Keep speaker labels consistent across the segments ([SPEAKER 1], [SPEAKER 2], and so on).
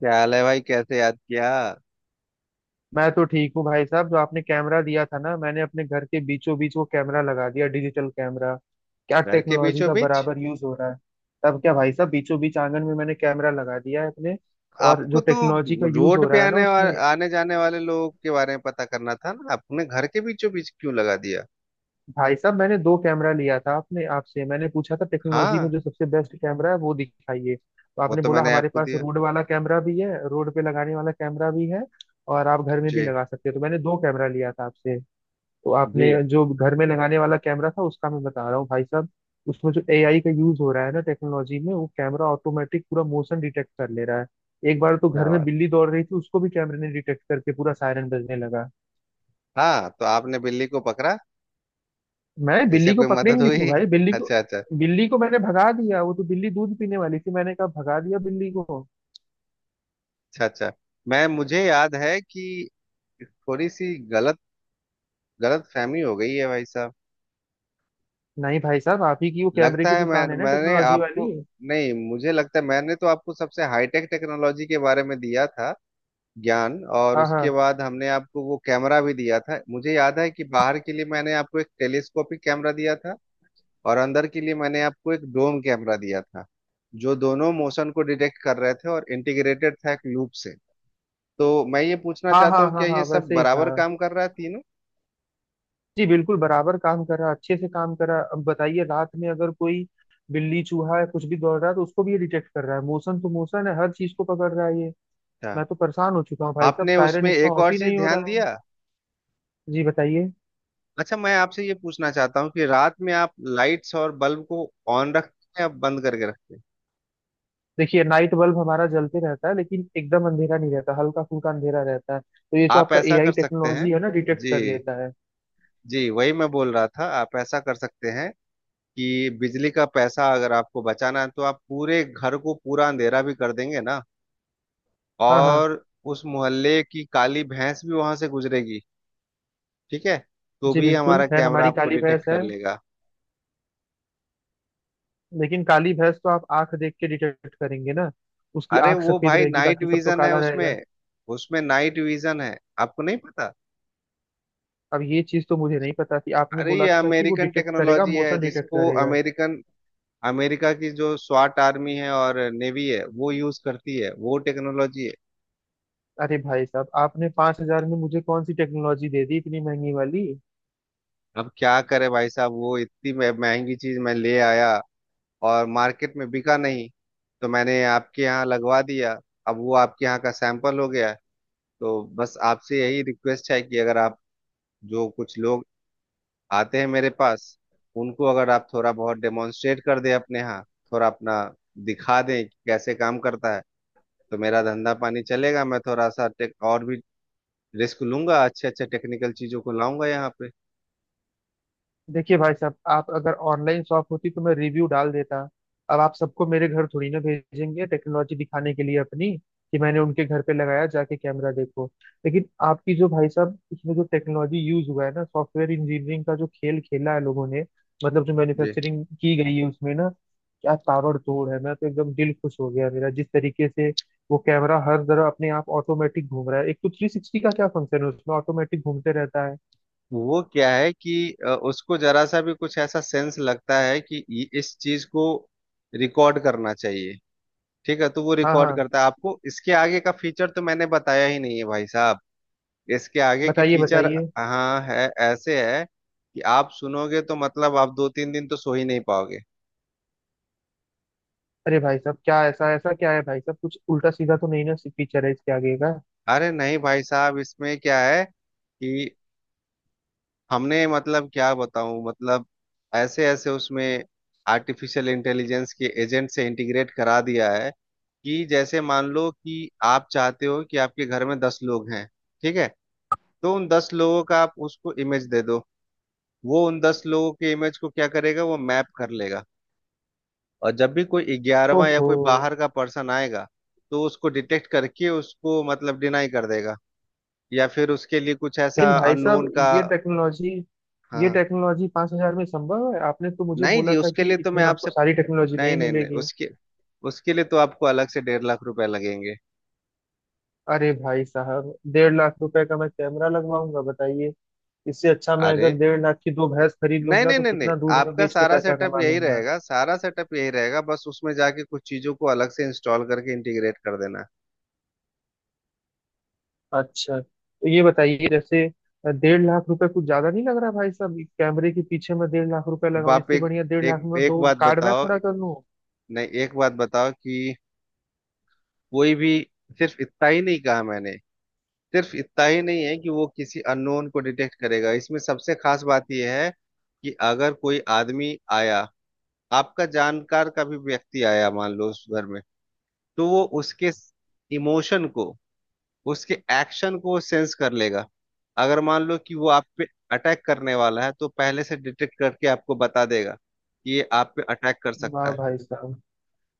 [SPEAKER 1] क्या हाल है भाई, कैसे याद किया।
[SPEAKER 2] मैं तो ठीक हूँ भाई साहब। जो आपने कैमरा दिया था ना मैंने अपने घर के बीचों बीच वो कैमरा लगा दिया, डिजिटल कैमरा। क्या
[SPEAKER 1] घर के
[SPEAKER 2] टेक्नोलॉजी
[SPEAKER 1] बीचों
[SPEAKER 2] का
[SPEAKER 1] बीच?
[SPEAKER 2] बराबर यूज हो रहा है। तब क्या भाई साहब, बीचों बीच आंगन में मैंने कैमरा लगा दिया है अपने। और
[SPEAKER 1] आपको
[SPEAKER 2] जो
[SPEAKER 1] तो
[SPEAKER 2] टेक्नोलॉजी का यूज
[SPEAKER 1] रोड
[SPEAKER 2] हो
[SPEAKER 1] पे
[SPEAKER 2] रहा है ना
[SPEAKER 1] आने वा,
[SPEAKER 2] उसमें।
[SPEAKER 1] आने जाने वाले लोगों के बारे में पता करना था ना, आपने घर के बीचों बीच क्यों लगा दिया?
[SPEAKER 2] भाई साहब मैंने दो कैमरा लिया था, आपने, आपसे मैंने पूछा था टेक्नोलॉजी में
[SPEAKER 1] हाँ,
[SPEAKER 2] जो सबसे बेस्ट कैमरा है वो दिखाइए, तो
[SPEAKER 1] वो
[SPEAKER 2] आपने
[SPEAKER 1] तो
[SPEAKER 2] बोला
[SPEAKER 1] मैंने
[SPEAKER 2] हमारे
[SPEAKER 1] आपको
[SPEAKER 2] पास
[SPEAKER 1] दिया।
[SPEAKER 2] रोड वाला कैमरा भी है, रोड पे लगाने वाला कैमरा भी है, और आप घर में भी
[SPEAKER 1] जी।
[SPEAKER 2] लगा सकते हो। तो मैंने दो कैमरा लिया था आपसे। तो आपने
[SPEAKER 1] जी।
[SPEAKER 2] जो घर में लगाने वाला कैमरा था उसका मैं बता रहा हूँ भाई साहब। उसमें जो एआई का यूज हो रहा है ना टेक्नोलॉजी में, वो कैमरा ऑटोमेटिक पूरा मोशन डिटेक्ट कर ले रहा है। एक बार तो
[SPEAKER 1] क्या
[SPEAKER 2] घर में
[SPEAKER 1] बात।
[SPEAKER 2] बिल्ली दौड़ रही थी, उसको भी कैमरे ने डिटेक्ट करके पूरा सायरन बजने लगा।
[SPEAKER 1] हाँ तो आपने बिल्ली को पकड़ा?
[SPEAKER 2] मैं
[SPEAKER 1] इससे
[SPEAKER 2] बिल्ली को
[SPEAKER 1] कोई मदद
[SPEAKER 2] पकड़ेंगे क्यों
[SPEAKER 1] हुई?
[SPEAKER 2] भाई, बिल्ली को।
[SPEAKER 1] अच्छा अच्छा।
[SPEAKER 2] बिल्ली को मैंने भगा दिया, वो तो बिल्ली दूध पीने वाली थी, मैंने कहा भगा दिया बिल्ली को।
[SPEAKER 1] अच्छा अच्छा। मैं मुझे याद है कि थोड़ी सी गलत गलत फहमी हो गई है भाई साहब।
[SPEAKER 2] नहीं भाई साहब, आप ही की वो कैमरे
[SPEAKER 1] लगता
[SPEAKER 2] की
[SPEAKER 1] है मैं
[SPEAKER 2] दुकान है ना
[SPEAKER 1] मैंने
[SPEAKER 2] टेक्नोलॉजी
[SPEAKER 1] आपको।
[SPEAKER 2] वाली।
[SPEAKER 1] नहीं, मुझे लगता है मैंने तो आपको सबसे हाईटेक टेक्नोलॉजी के बारे में दिया था ज्ञान। और
[SPEAKER 2] हाँ
[SPEAKER 1] उसके
[SPEAKER 2] हाँ
[SPEAKER 1] बाद हमने आपको वो कैमरा भी दिया था, मुझे याद है कि बाहर के लिए मैंने आपको एक टेलीस्कोपिक कैमरा दिया था। और अंदर के लिए मैंने आपको एक डोम कैमरा दिया था। जो दोनों मोशन को डिटेक्ट कर रहे थे और इंटीग्रेटेड था एक लूप से। तो मैं ये पूछना
[SPEAKER 2] हाँ हाँ,
[SPEAKER 1] चाहता हूँ,
[SPEAKER 2] हाँ
[SPEAKER 1] क्या ये
[SPEAKER 2] हाँ
[SPEAKER 1] सब
[SPEAKER 2] वैसे ही था।
[SPEAKER 1] बराबर काम कर रहा है, तीनों?
[SPEAKER 2] जी बिल्कुल बराबर काम कर रहा, अच्छे से काम कर रहा। अब बताइए रात में अगर कोई बिल्ली, चूहा या कुछ भी दौड़ रहा है तो उसको भी ये डिटेक्ट कर रहा है। मोशन तो मोशन है, हर चीज को पकड़ रहा है ये।
[SPEAKER 1] अच्छा।
[SPEAKER 2] मैं तो परेशान हो चुका हूँ भाई साहब,
[SPEAKER 1] आपने
[SPEAKER 2] सायरन
[SPEAKER 1] उसमें
[SPEAKER 2] इसका
[SPEAKER 1] एक
[SPEAKER 2] ऑफ
[SPEAKER 1] और
[SPEAKER 2] ही
[SPEAKER 1] चीज
[SPEAKER 2] नहीं हो
[SPEAKER 1] ध्यान
[SPEAKER 2] रहा है।
[SPEAKER 1] दिया?
[SPEAKER 2] जी बताइए।
[SPEAKER 1] अच्छा मैं आपसे ये पूछना चाहता हूँ कि रात में आप लाइट्स और बल्ब को ऑन रखते हैं या बंद करके रखते हैं?
[SPEAKER 2] देखिए नाइट बल्ब हमारा जलते रहता है, लेकिन एकदम अंधेरा नहीं रहता, हल्का फुल्का अंधेरा रहता है, तो ये जो
[SPEAKER 1] आप
[SPEAKER 2] आपका
[SPEAKER 1] ऐसा कर
[SPEAKER 2] एआई
[SPEAKER 1] सकते हैं।
[SPEAKER 2] टेक्नोलॉजी है ना डिटेक्ट
[SPEAKER 1] जी।
[SPEAKER 2] कर लेता है।
[SPEAKER 1] जी वही मैं बोल रहा था, आप ऐसा कर सकते हैं कि बिजली का पैसा अगर आपको बचाना है तो आप पूरे घर को पूरा अंधेरा भी कर देंगे ना।
[SPEAKER 2] हाँ हाँ।
[SPEAKER 1] और उस मोहल्ले की काली भैंस भी वहां से गुजरेगी, ठीक है, तो
[SPEAKER 2] जी
[SPEAKER 1] भी
[SPEAKER 2] बिल्कुल
[SPEAKER 1] हमारा
[SPEAKER 2] है,
[SPEAKER 1] कैमरा
[SPEAKER 2] हमारी
[SPEAKER 1] आपको
[SPEAKER 2] काली
[SPEAKER 1] डिटेक्ट
[SPEAKER 2] भैंस
[SPEAKER 1] कर
[SPEAKER 2] है।
[SPEAKER 1] लेगा।
[SPEAKER 2] लेकिन काली भैंस तो आप आंख देख के डिटेक्ट करेंगे ना। उसकी
[SPEAKER 1] अरे
[SPEAKER 2] आंख
[SPEAKER 1] वो
[SPEAKER 2] सफेद
[SPEAKER 1] भाई
[SPEAKER 2] रहेगी,
[SPEAKER 1] नाइट
[SPEAKER 2] बाकी सब तो
[SPEAKER 1] विजन है
[SPEAKER 2] काला रहेगा।
[SPEAKER 1] उसमें। उसमें नाइट विजन है, आपको नहीं पता।
[SPEAKER 2] अब ये चीज तो मुझे नहीं पता थी, आपने
[SPEAKER 1] अरे ये
[SPEAKER 2] बोला था कि वो
[SPEAKER 1] अमेरिकन
[SPEAKER 2] डिटेक्ट करेगा,
[SPEAKER 1] टेक्नोलॉजी है,
[SPEAKER 2] मोशन डिटेक्ट
[SPEAKER 1] जिसको
[SPEAKER 2] करेगा।
[SPEAKER 1] अमेरिकन अमेरिका की जो स्वाट आर्मी है और नेवी है वो यूज करती है, वो टेक्नोलॉजी है।
[SPEAKER 2] अरे भाई साहब आपने 5,000 में मुझे कौन सी टेक्नोलॉजी दे दी इतनी महंगी वाली।
[SPEAKER 1] अब क्या करे भाई साहब, वो इतनी महंगी चीज मैं ले आया और मार्केट में बिका नहीं, तो मैंने आपके यहाँ लगवा दिया। अब वो आपके यहाँ का सैंपल हो गया। तो बस आपसे यही रिक्वेस्ट है कि अगर आप, जो कुछ लोग आते हैं मेरे पास, उनको अगर आप थोड़ा बहुत डेमोन्स्ट्रेट कर दें अपने यहाँ, थोड़ा अपना दिखा दें कि कैसे काम करता है, तो मेरा धंधा पानी चलेगा। मैं थोड़ा सा टेक और भी रिस्क लूंगा, अच्छे अच्छे टेक्निकल चीजों को लाऊंगा यहाँ पे।
[SPEAKER 2] देखिए भाई साहब, आप अगर ऑनलाइन शॉप होती तो मैं रिव्यू डाल देता। अब आप सबको मेरे घर थोड़ी ना भेजेंगे टेक्नोलॉजी दिखाने के लिए अपनी, कि मैंने उनके घर पे लगाया जाके कैमरा देखो। लेकिन आपकी जो भाई साहब इसमें जो टेक्नोलॉजी यूज हुआ है ना, सॉफ्टवेयर इंजीनियरिंग का जो खेल खेला है लोगों ने, मतलब जो
[SPEAKER 1] जी।
[SPEAKER 2] मैन्युफैक्चरिंग की गई है उसमें ना, क्या ताबड़ तोड़ है। मैं तो एकदम दिल खुश हो गया मेरा, जिस तरीके से वो कैमरा हर जगह अपने आप ऑटोमेटिक घूम रहा है। एक तो 360 का क्या फंक्शन है उसमें, ऑटोमेटिक घूमते रहता है।
[SPEAKER 1] वो क्या है कि उसको जरा सा भी कुछ ऐसा सेंस लगता है कि इस चीज को रिकॉर्ड करना चाहिए, ठीक है, तो वो
[SPEAKER 2] हाँ
[SPEAKER 1] रिकॉर्ड
[SPEAKER 2] हाँ।
[SPEAKER 1] करता है। आपको इसके आगे का फीचर तो मैंने बताया ही नहीं है भाई साहब। इसके आगे के
[SPEAKER 2] बताइए
[SPEAKER 1] फीचर।
[SPEAKER 2] बताइए।
[SPEAKER 1] हाँ है। ऐसे है कि आप सुनोगे तो मतलब आप दो तीन दिन तो सो ही नहीं पाओगे।
[SPEAKER 2] अरे भाई साहब क्या ऐसा, ऐसा क्या है भाई साहब, कुछ उल्टा सीधा तो नहीं ना फीचर है इसके आगे का।
[SPEAKER 1] अरे नहीं भाई साहब, इसमें क्या है कि हमने, मतलब क्या बताऊं, मतलब ऐसे ऐसे उसमें आर्टिफिशियल इंटेलिजेंस के एजेंट से इंटीग्रेट करा दिया है। कि जैसे मान लो कि आप चाहते हो कि आपके घर में 10 लोग हैं, ठीक है, तो उन 10 लोगों का आप उसको इमेज दे दो। वो उन 10 लोगों के इमेज को क्या करेगा, वो मैप कर लेगा। और जब भी कोई ग्यारहवा या
[SPEAKER 2] ओहो।
[SPEAKER 1] कोई बाहर का पर्सन आएगा, तो उसको डिटेक्ट करके उसको मतलब डिनाई कर देगा। या फिर उसके लिए कुछ
[SPEAKER 2] लेकिन
[SPEAKER 1] ऐसा
[SPEAKER 2] भाई
[SPEAKER 1] अननोन
[SPEAKER 2] साहब
[SPEAKER 1] का।
[SPEAKER 2] ये टेक्नोलॉजी, ये
[SPEAKER 1] हाँ।
[SPEAKER 2] टेक्नोलॉजी 5,000 में संभव है? आपने तो मुझे
[SPEAKER 1] नहीं जी
[SPEAKER 2] बोला था
[SPEAKER 1] उसके
[SPEAKER 2] कि
[SPEAKER 1] लिए तो मैं
[SPEAKER 2] इसमें आपको
[SPEAKER 1] आपसे,
[SPEAKER 2] सारी टेक्नोलॉजी
[SPEAKER 1] नहीं
[SPEAKER 2] नहीं
[SPEAKER 1] नहीं नहीं,
[SPEAKER 2] मिलेगी।
[SPEAKER 1] उसके उसके लिए तो आपको अलग से 1.5 लाख रुपए लगेंगे।
[SPEAKER 2] अरे भाई साहब 1,50,000 रुपए का मैं कैमरा लगवाऊंगा बताइए। इससे अच्छा मैं
[SPEAKER 1] अरे
[SPEAKER 2] अगर 1,50,000 की दो भैंस खरीद
[SPEAKER 1] नहीं
[SPEAKER 2] लूंगा
[SPEAKER 1] नहीं
[SPEAKER 2] तो
[SPEAKER 1] नहीं नहीं,
[SPEAKER 2] कितना दूध में
[SPEAKER 1] आपका
[SPEAKER 2] बेच के
[SPEAKER 1] सारा
[SPEAKER 2] पैसा
[SPEAKER 1] सेटअप
[SPEAKER 2] कमा
[SPEAKER 1] यही
[SPEAKER 2] लूंगा।
[SPEAKER 1] रहेगा, सारा सेटअप यही रहेगा, बस उसमें जाके कुछ चीजों को अलग से इंस्टॉल करके इंटीग्रेट कर देना।
[SPEAKER 2] अच्छा तो ये बताइए जैसे, 1,50,000 रुपए कुछ ज्यादा नहीं लग रहा भाई साहब, कैमरे के पीछे मैं 1,50,000 रुपए
[SPEAKER 1] अब
[SPEAKER 2] लगाऊं,
[SPEAKER 1] आप
[SPEAKER 2] इससे
[SPEAKER 1] एक
[SPEAKER 2] बढ़िया 1,50,000
[SPEAKER 1] एक
[SPEAKER 2] में मैं
[SPEAKER 1] एक
[SPEAKER 2] दो
[SPEAKER 1] बात
[SPEAKER 2] कार ना
[SPEAKER 1] बताओ।
[SPEAKER 2] खड़ा कर लूं।
[SPEAKER 1] नहीं एक बात बताओ कि कोई भी, सिर्फ इतना ही नहीं कहा मैंने, सिर्फ इतना ही नहीं है कि वो किसी अननोन को डिटेक्ट करेगा, इसमें सबसे खास बात यह है कि अगर कोई आदमी आया, आपका जानकार का भी व्यक्ति आया मान लो उस घर में, तो वो उसके इमोशन को, उसके एक्शन को सेंस कर लेगा। अगर मान लो कि वो आप पे अटैक करने वाला है, तो पहले से डिटेक्ट करके आपको बता देगा कि ये आप पे अटैक कर सकता
[SPEAKER 2] वाह
[SPEAKER 1] है।
[SPEAKER 2] भाई साहब।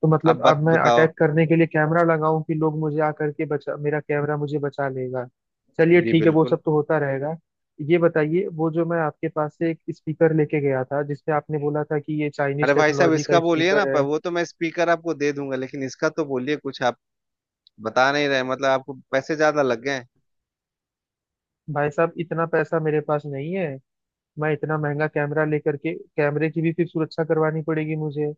[SPEAKER 2] तो
[SPEAKER 1] अब
[SPEAKER 2] मतलब अब
[SPEAKER 1] बत
[SPEAKER 2] मैं
[SPEAKER 1] बताओ
[SPEAKER 2] अटैक करने के लिए कैमरा लगाऊं कि लोग मुझे आकर के बचा, मेरा कैमरा मुझे बचा लेगा। चलिए
[SPEAKER 1] जी
[SPEAKER 2] ठीक है, वो
[SPEAKER 1] बिल्कुल।
[SPEAKER 2] सब तो होता रहेगा। ये बताइए वो जो मैं आपके पास से एक स्पीकर लेके गया था, जिसपे आपने बोला था कि ये
[SPEAKER 1] अरे
[SPEAKER 2] चाइनीज
[SPEAKER 1] भाई साहब
[SPEAKER 2] टेक्नोलॉजी
[SPEAKER 1] इसका
[SPEAKER 2] का
[SPEAKER 1] बोलिए ना,
[SPEAKER 2] स्पीकर
[SPEAKER 1] पर
[SPEAKER 2] है।
[SPEAKER 1] वो तो मैं स्पीकर आपको दे दूंगा, लेकिन इसका तो बोलिए कुछ, आप बता नहीं रहे, मतलब आपको पैसे ज्यादा लग गए हैं।
[SPEAKER 2] भाई साहब इतना पैसा मेरे पास नहीं है। मैं इतना महंगा कैमरा लेकर के, कैमरे की भी फिर सुरक्षा करवानी पड़ेगी मुझे,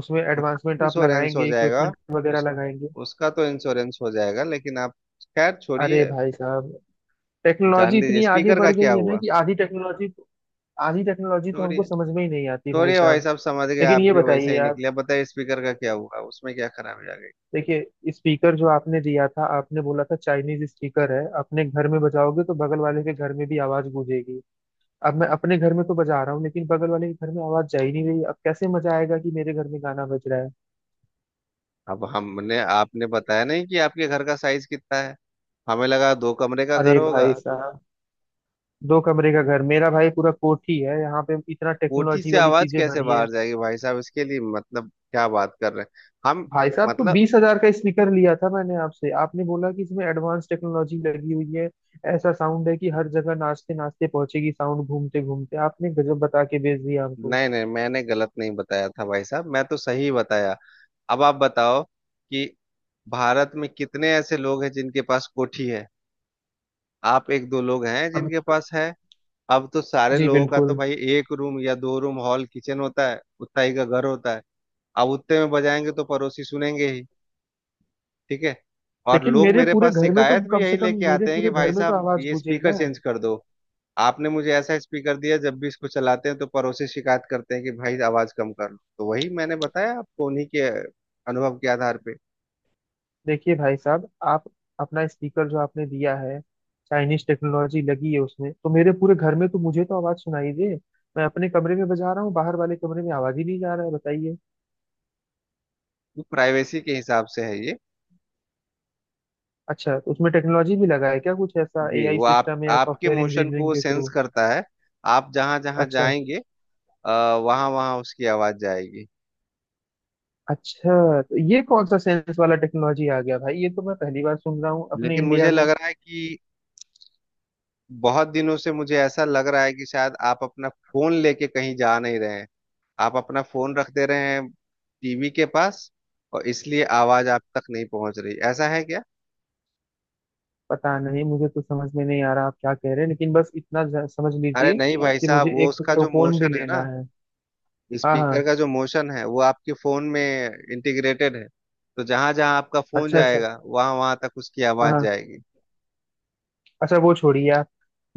[SPEAKER 2] उसमें
[SPEAKER 1] उसका
[SPEAKER 2] एडवांसमेंट
[SPEAKER 1] तो
[SPEAKER 2] आप
[SPEAKER 1] इंश्योरेंस हो
[SPEAKER 2] लगाएंगे,
[SPEAKER 1] जाएगा।
[SPEAKER 2] इक्विपमेंट वगैरह
[SPEAKER 1] उस
[SPEAKER 2] लगाएंगे।
[SPEAKER 1] उसका तो इंश्योरेंस हो जाएगा लेकिन आप, खैर
[SPEAKER 2] अरे
[SPEAKER 1] छोड़िए।
[SPEAKER 2] भाई साहब टेक्नोलॉजी
[SPEAKER 1] जान दीजिए,
[SPEAKER 2] इतनी आगे
[SPEAKER 1] स्पीकर का
[SPEAKER 2] बढ़
[SPEAKER 1] क्या
[SPEAKER 2] गई है ना,
[SPEAKER 1] हुआ।
[SPEAKER 2] कि आधी टेक्नोलॉजी, आधी टेक्नोलॉजी तो हमको
[SPEAKER 1] छोड़िए
[SPEAKER 2] समझ में ही नहीं आती भाई
[SPEAKER 1] छोड़िए भाई
[SPEAKER 2] साहब।
[SPEAKER 1] साहब, समझ गए,
[SPEAKER 2] लेकिन
[SPEAKER 1] आप
[SPEAKER 2] ये
[SPEAKER 1] भी वैसे
[SPEAKER 2] बताइए
[SPEAKER 1] ही
[SPEAKER 2] यार,
[SPEAKER 1] निकले, बताइए स्पीकर का क्या हुआ, उसमें क्या खराबी आ गई।
[SPEAKER 2] देखिए स्पीकर जो आपने दिया था, आपने बोला था चाइनीज स्पीकर है, अपने घर में बजाओगे तो बगल वाले के घर में भी आवाज गूंजेगी। अब मैं अपने घर में तो बजा रहा हूँ, लेकिन बगल वाले के घर में आवाज जा ही नहीं रही। अब कैसे मजा आएगा कि मेरे घर में गाना बज रहा है।
[SPEAKER 1] अब हमने आपने बताया नहीं कि आपके घर का साइज कितना है। हमें लगा दो कमरे का घर
[SPEAKER 2] अरे
[SPEAKER 1] होगा।
[SPEAKER 2] भाई साहब, दो कमरे का घर मेरा? भाई पूरा कोठी है यहाँ पे, इतना
[SPEAKER 1] कोठी
[SPEAKER 2] टेक्नोलॉजी
[SPEAKER 1] से
[SPEAKER 2] वाली
[SPEAKER 1] आवाज
[SPEAKER 2] चीजें
[SPEAKER 1] कैसे
[SPEAKER 2] भरी है।
[SPEAKER 1] बाहर जाएगी भाई साहब, इसके लिए मतलब क्या बात कर रहे हैं हम।
[SPEAKER 2] भाई साहब तो
[SPEAKER 1] मतलब,
[SPEAKER 2] 20,000 का स्पीकर लिया था मैंने आपसे, आपने बोला कि इसमें एडवांस टेक्नोलॉजी लगी हुई है, ऐसा साउंड है कि हर जगह नाचते नाचते पहुंचेगी साउंड, घूमते घूमते, आपने गजब बता के भेज दिया हमको।
[SPEAKER 1] नहीं नहीं मैंने गलत नहीं बताया था भाई साहब, मैं तो सही बताया। अब आप बताओ कि भारत में कितने ऐसे लोग हैं जिनके पास कोठी है, आप एक दो लोग हैं
[SPEAKER 2] अब।
[SPEAKER 1] जिनके पास है। अब तो सारे
[SPEAKER 2] जी
[SPEAKER 1] लोगों का तो
[SPEAKER 2] बिल्कुल।
[SPEAKER 1] भाई एक रूम या दो रूम हॉल किचन होता है, उतना ही का घर होता है। अब उतने में बजाएंगे तो पड़ोसी सुनेंगे ही, ठीक है। और
[SPEAKER 2] लेकिन
[SPEAKER 1] लोग
[SPEAKER 2] मेरे
[SPEAKER 1] मेरे
[SPEAKER 2] पूरे
[SPEAKER 1] पास
[SPEAKER 2] घर में तो,
[SPEAKER 1] शिकायत भी
[SPEAKER 2] कम
[SPEAKER 1] यही
[SPEAKER 2] से कम
[SPEAKER 1] लेके
[SPEAKER 2] मेरे
[SPEAKER 1] आते हैं कि
[SPEAKER 2] पूरे घर
[SPEAKER 1] भाई
[SPEAKER 2] में तो
[SPEAKER 1] साहब
[SPEAKER 2] आवाज
[SPEAKER 1] ये
[SPEAKER 2] गूंजे
[SPEAKER 1] स्पीकर
[SPEAKER 2] ना।
[SPEAKER 1] चेंज कर दो। आपने मुझे ऐसा स्पीकर दिया, जब भी इसको चलाते हैं तो पड़ोसी शिकायत करते हैं कि भाई आवाज कम कर लो, तो वही मैंने बताया आपको, उन्हीं के अनुभव के आधार पे।
[SPEAKER 2] देखिए भाई साहब, आप अपना स्पीकर जो आपने दिया है, चाइनीज टेक्नोलॉजी लगी है उसमें, तो मेरे पूरे घर में तो मुझे तो आवाज सुनाई दे। मैं अपने कमरे में बजा रहा हूँ, बाहर वाले कमरे में आवाज ही नहीं जा रहा है, बताइए।
[SPEAKER 1] वो प्राइवेसी के हिसाब से है ये।
[SPEAKER 2] अच्छा, तो उसमें टेक्नोलॉजी भी लगा है क्या, कुछ ऐसा
[SPEAKER 1] जी
[SPEAKER 2] एआई
[SPEAKER 1] वो आप
[SPEAKER 2] सिस्टम है या
[SPEAKER 1] आपके
[SPEAKER 2] सॉफ्टवेयर
[SPEAKER 1] मोशन को
[SPEAKER 2] इंजीनियरिंग
[SPEAKER 1] वो
[SPEAKER 2] के
[SPEAKER 1] सेंस
[SPEAKER 2] थ्रू।
[SPEAKER 1] करता है। आप जहां जहां
[SPEAKER 2] अच्छा।
[SPEAKER 1] जाएंगे, वहां वहां उसकी आवाज जाएगी।
[SPEAKER 2] अच्छा, तो ये कौन सा सेंस वाला टेक्नोलॉजी आ गया भाई, ये तो मैं पहली बार सुन रहा हूँ अपने
[SPEAKER 1] लेकिन
[SPEAKER 2] इंडिया
[SPEAKER 1] मुझे
[SPEAKER 2] में।
[SPEAKER 1] लग रहा है कि बहुत दिनों से मुझे ऐसा लग रहा है कि शायद आप अपना फोन लेके कहीं जा नहीं रहे हैं, आप अपना फोन रख दे रहे हैं टीवी के पास, और इसलिए आवाज आप तक नहीं पहुंच रही, ऐसा है क्या?
[SPEAKER 2] पता नहीं, मुझे तो समझ में नहीं आ रहा आप क्या कह रहे हैं, लेकिन बस इतना समझ
[SPEAKER 1] अरे
[SPEAKER 2] लीजिए
[SPEAKER 1] नहीं भाई
[SPEAKER 2] कि
[SPEAKER 1] साहब,
[SPEAKER 2] मुझे
[SPEAKER 1] वो
[SPEAKER 2] एक
[SPEAKER 1] उसका जो
[SPEAKER 2] टोकोन भी
[SPEAKER 1] मोशन है
[SPEAKER 2] लेना
[SPEAKER 1] ना,
[SPEAKER 2] है। हाँ
[SPEAKER 1] स्पीकर
[SPEAKER 2] हाँ।
[SPEAKER 1] का जो मोशन है, वो आपके फोन में इंटीग्रेटेड है, तो जहां जहां आपका फोन
[SPEAKER 2] अच्छा अच्छा।
[SPEAKER 1] जाएगा, वहां वहां तक उसकी
[SPEAKER 2] हाँ
[SPEAKER 1] आवाज
[SPEAKER 2] हाँ।
[SPEAKER 1] जाएगी।
[SPEAKER 2] अच्छा वो छोड़िए आप,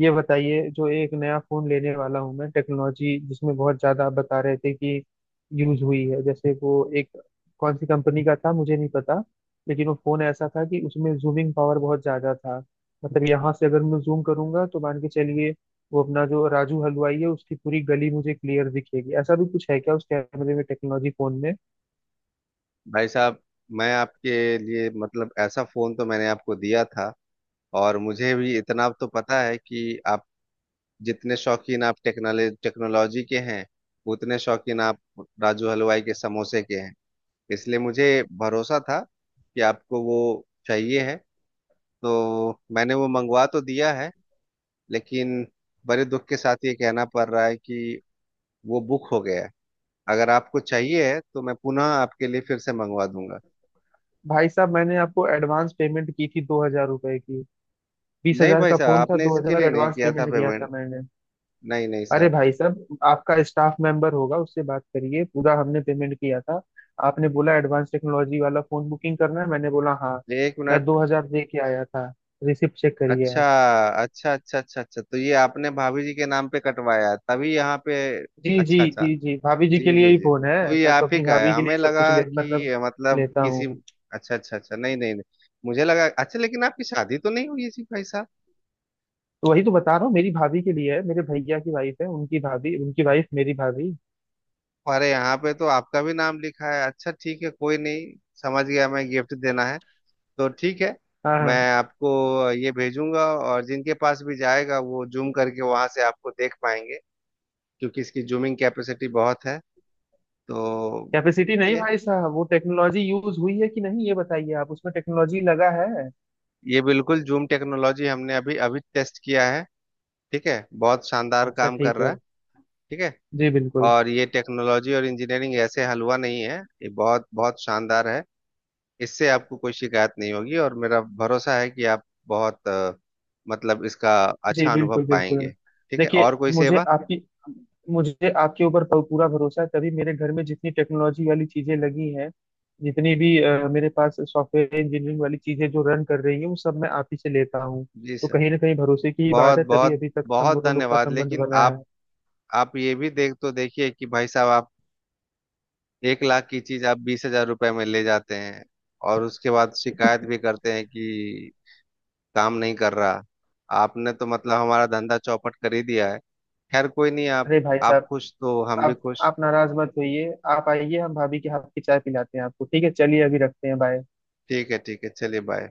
[SPEAKER 2] ये बताइए, जो एक नया फोन लेने वाला हूँ मैं, टेक्नोलॉजी जिसमें बहुत ज्यादा आप बता रहे थे कि यूज हुई है, जैसे वो एक, कौन सी कंपनी का था मुझे नहीं पता, लेकिन वो फोन ऐसा था कि उसमें जूमिंग पावर बहुत ज्यादा था। मतलब यहाँ से अगर मैं जूम करूंगा तो मान के चलिए वो अपना जो राजू हलवाई है उसकी पूरी गली मुझे क्लियर दिखेगी, ऐसा भी कुछ है क्या उस कैमरे में टेक्नोलॉजी, फोन में।
[SPEAKER 1] भाई साहब मैं आपके लिए, मतलब ऐसा फोन तो मैंने आपको दिया था, और मुझे भी इतना तो पता है कि आप जितने शौकीन आप टेक्नोलॉजी टेक्नोलॉजी के हैं, उतने शौकीन आप राजू हलवाई के समोसे के हैं। इसलिए मुझे भरोसा था कि आपको वो चाहिए है, तो मैंने वो मंगवा तो दिया है। लेकिन बड़े दुख के साथ ये कहना पड़ रहा है कि वो बुक हो गया है, अगर आपको चाहिए है तो मैं पुनः आपके लिए फिर से मंगवा दूंगा।
[SPEAKER 2] भाई साहब मैंने आपको एडवांस पेमेंट की थी 2,000 रुपए की, बीस
[SPEAKER 1] नहीं
[SPEAKER 2] हजार
[SPEAKER 1] भाई
[SPEAKER 2] का
[SPEAKER 1] साहब
[SPEAKER 2] फोन था,
[SPEAKER 1] आपने
[SPEAKER 2] दो
[SPEAKER 1] इसके
[SPEAKER 2] हजार
[SPEAKER 1] लिए नहीं
[SPEAKER 2] एडवांस
[SPEAKER 1] किया था
[SPEAKER 2] पेमेंट किया था
[SPEAKER 1] पेमेंट,
[SPEAKER 2] मैंने।
[SPEAKER 1] नहीं नहीं
[SPEAKER 2] अरे
[SPEAKER 1] साहब।
[SPEAKER 2] भाई साहब आपका स्टाफ मेंबर होगा उससे बात करिए, पूरा हमने पेमेंट किया था, आपने बोला एडवांस टेक्नोलॉजी वाला फोन बुकिंग करना है, मैंने बोला हाँ।
[SPEAKER 1] ये एक
[SPEAKER 2] मैं
[SPEAKER 1] मिनट।
[SPEAKER 2] 2,000 दे के आया था, रिसिप्ट चेक करिए
[SPEAKER 1] अच्छा
[SPEAKER 2] आप।
[SPEAKER 1] अच्छा अच्छा अच्छा अच्छा, तो ये आपने भाभी जी के नाम पे कटवाया है, तभी यहाँ पे।
[SPEAKER 2] जी जी
[SPEAKER 1] अच्छा अच्छा।
[SPEAKER 2] जी जी, भाभी जी के
[SPEAKER 1] जी
[SPEAKER 2] लिए
[SPEAKER 1] जी
[SPEAKER 2] ही
[SPEAKER 1] जी,
[SPEAKER 2] फोन है।
[SPEAKER 1] तो ये
[SPEAKER 2] मैं तो
[SPEAKER 1] आप ही
[SPEAKER 2] अपनी
[SPEAKER 1] का है,
[SPEAKER 2] भाभी के लिए
[SPEAKER 1] हमें
[SPEAKER 2] ही सब
[SPEAKER 1] लगा
[SPEAKER 2] कुछ ले
[SPEAKER 1] कि
[SPEAKER 2] मतलब,
[SPEAKER 1] मतलब
[SPEAKER 2] लेता
[SPEAKER 1] किसी।
[SPEAKER 2] हूँ।
[SPEAKER 1] अच्छा अच्छा अच्छा नहीं नहीं नहीं, मुझे लगा अच्छा, लेकिन आपकी शादी तो नहीं हुई थी भाई साहब।
[SPEAKER 2] तो वही तो बता रहा हूँ, मेरी भाभी के लिए है, मेरे भैया की वाइफ है, उनकी भाभी, उनकी वाइफ मेरी भाभी।
[SPEAKER 1] हमारे यहाँ पे तो आपका भी नाम लिखा है, अच्छा ठीक है कोई नहीं, समझ गया, मैं गिफ्ट देना है तो ठीक है।
[SPEAKER 2] हाँ
[SPEAKER 1] मैं
[SPEAKER 2] हाँ।
[SPEAKER 1] आपको ये भेजूंगा और जिनके पास भी जाएगा वो जूम करके वहां से आपको देख पाएंगे, क्योंकि इसकी जूमिंग कैपेसिटी बहुत है, तो ठीक
[SPEAKER 2] कैपेसिटी नहीं
[SPEAKER 1] है।
[SPEAKER 2] भाई साहब, वो टेक्नोलॉजी यूज हुई है कि नहीं ये बताइए, आप उसमें टेक्नोलॉजी लगा है।
[SPEAKER 1] ये बिल्कुल जूम टेक्नोलॉजी हमने अभी अभी टेस्ट किया है, ठीक है, बहुत शानदार
[SPEAKER 2] अच्छा
[SPEAKER 1] काम कर
[SPEAKER 2] ठीक
[SPEAKER 1] रहा
[SPEAKER 2] है।
[SPEAKER 1] है, ठीक है।
[SPEAKER 2] जी बिल्कुल।
[SPEAKER 1] और ये टेक्नोलॉजी और इंजीनियरिंग ऐसे हलवा नहीं है, ये बहुत बहुत शानदार है। इससे आपको कोई शिकायत नहीं होगी, और मेरा भरोसा है कि आप बहुत मतलब इसका
[SPEAKER 2] जी
[SPEAKER 1] अच्छा अनुभव
[SPEAKER 2] बिल्कुल बिल्कुल।
[SPEAKER 1] पाएंगे। ठीक है,
[SPEAKER 2] देखिए
[SPEAKER 1] और कोई
[SPEAKER 2] मुझे
[SPEAKER 1] सेवा?
[SPEAKER 2] आपकी, मुझे आपके ऊपर पूरा भरोसा है, तभी मेरे घर में जितनी टेक्नोलॉजी वाली चीजें लगी हैं, जितनी भी मेरे पास सॉफ्टवेयर इंजीनियरिंग वाली चीजें जो रन कर रही है, वो सब मैं आप ही से लेता हूँ।
[SPEAKER 1] जी
[SPEAKER 2] तो
[SPEAKER 1] सर।
[SPEAKER 2] कहीं ना कहीं भरोसे की ही बात
[SPEAKER 1] बहुत
[SPEAKER 2] है, तभी
[SPEAKER 1] बहुत
[SPEAKER 2] अभी तक हम
[SPEAKER 1] बहुत
[SPEAKER 2] दोनों लोग का
[SPEAKER 1] धन्यवाद,
[SPEAKER 2] संबंध
[SPEAKER 1] लेकिन
[SPEAKER 2] बना
[SPEAKER 1] आप
[SPEAKER 2] है।
[SPEAKER 1] आप ये भी देख तो देखिए कि भाई साहब आप 1 लाख की चीज आप 20 हजार रुपए में ले जाते हैं, और उसके बाद शिकायत भी करते हैं कि काम नहीं कर रहा, आपने तो मतलब हमारा धंधा चौपट कर ही दिया है। खैर कोई नहीं, आप,
[SPEAKER 2] अरे भाई
[SPEAKER 1] आप
[SPEAKER 2] साहब
[SPEAKER 1] खुश तो हम भी
[SPEAKER 2] आप
[SPEAKER 1] खुश।
[SPEAKER 2] आप नाराज मत होइए, आप आइए हम भाभी के हाथ की चाय पिलाते हैं आपको। ठीक है चलिए, अभी रखते हैं, बाय।
[SPEAKER 1] ठीक है चलिए बाय।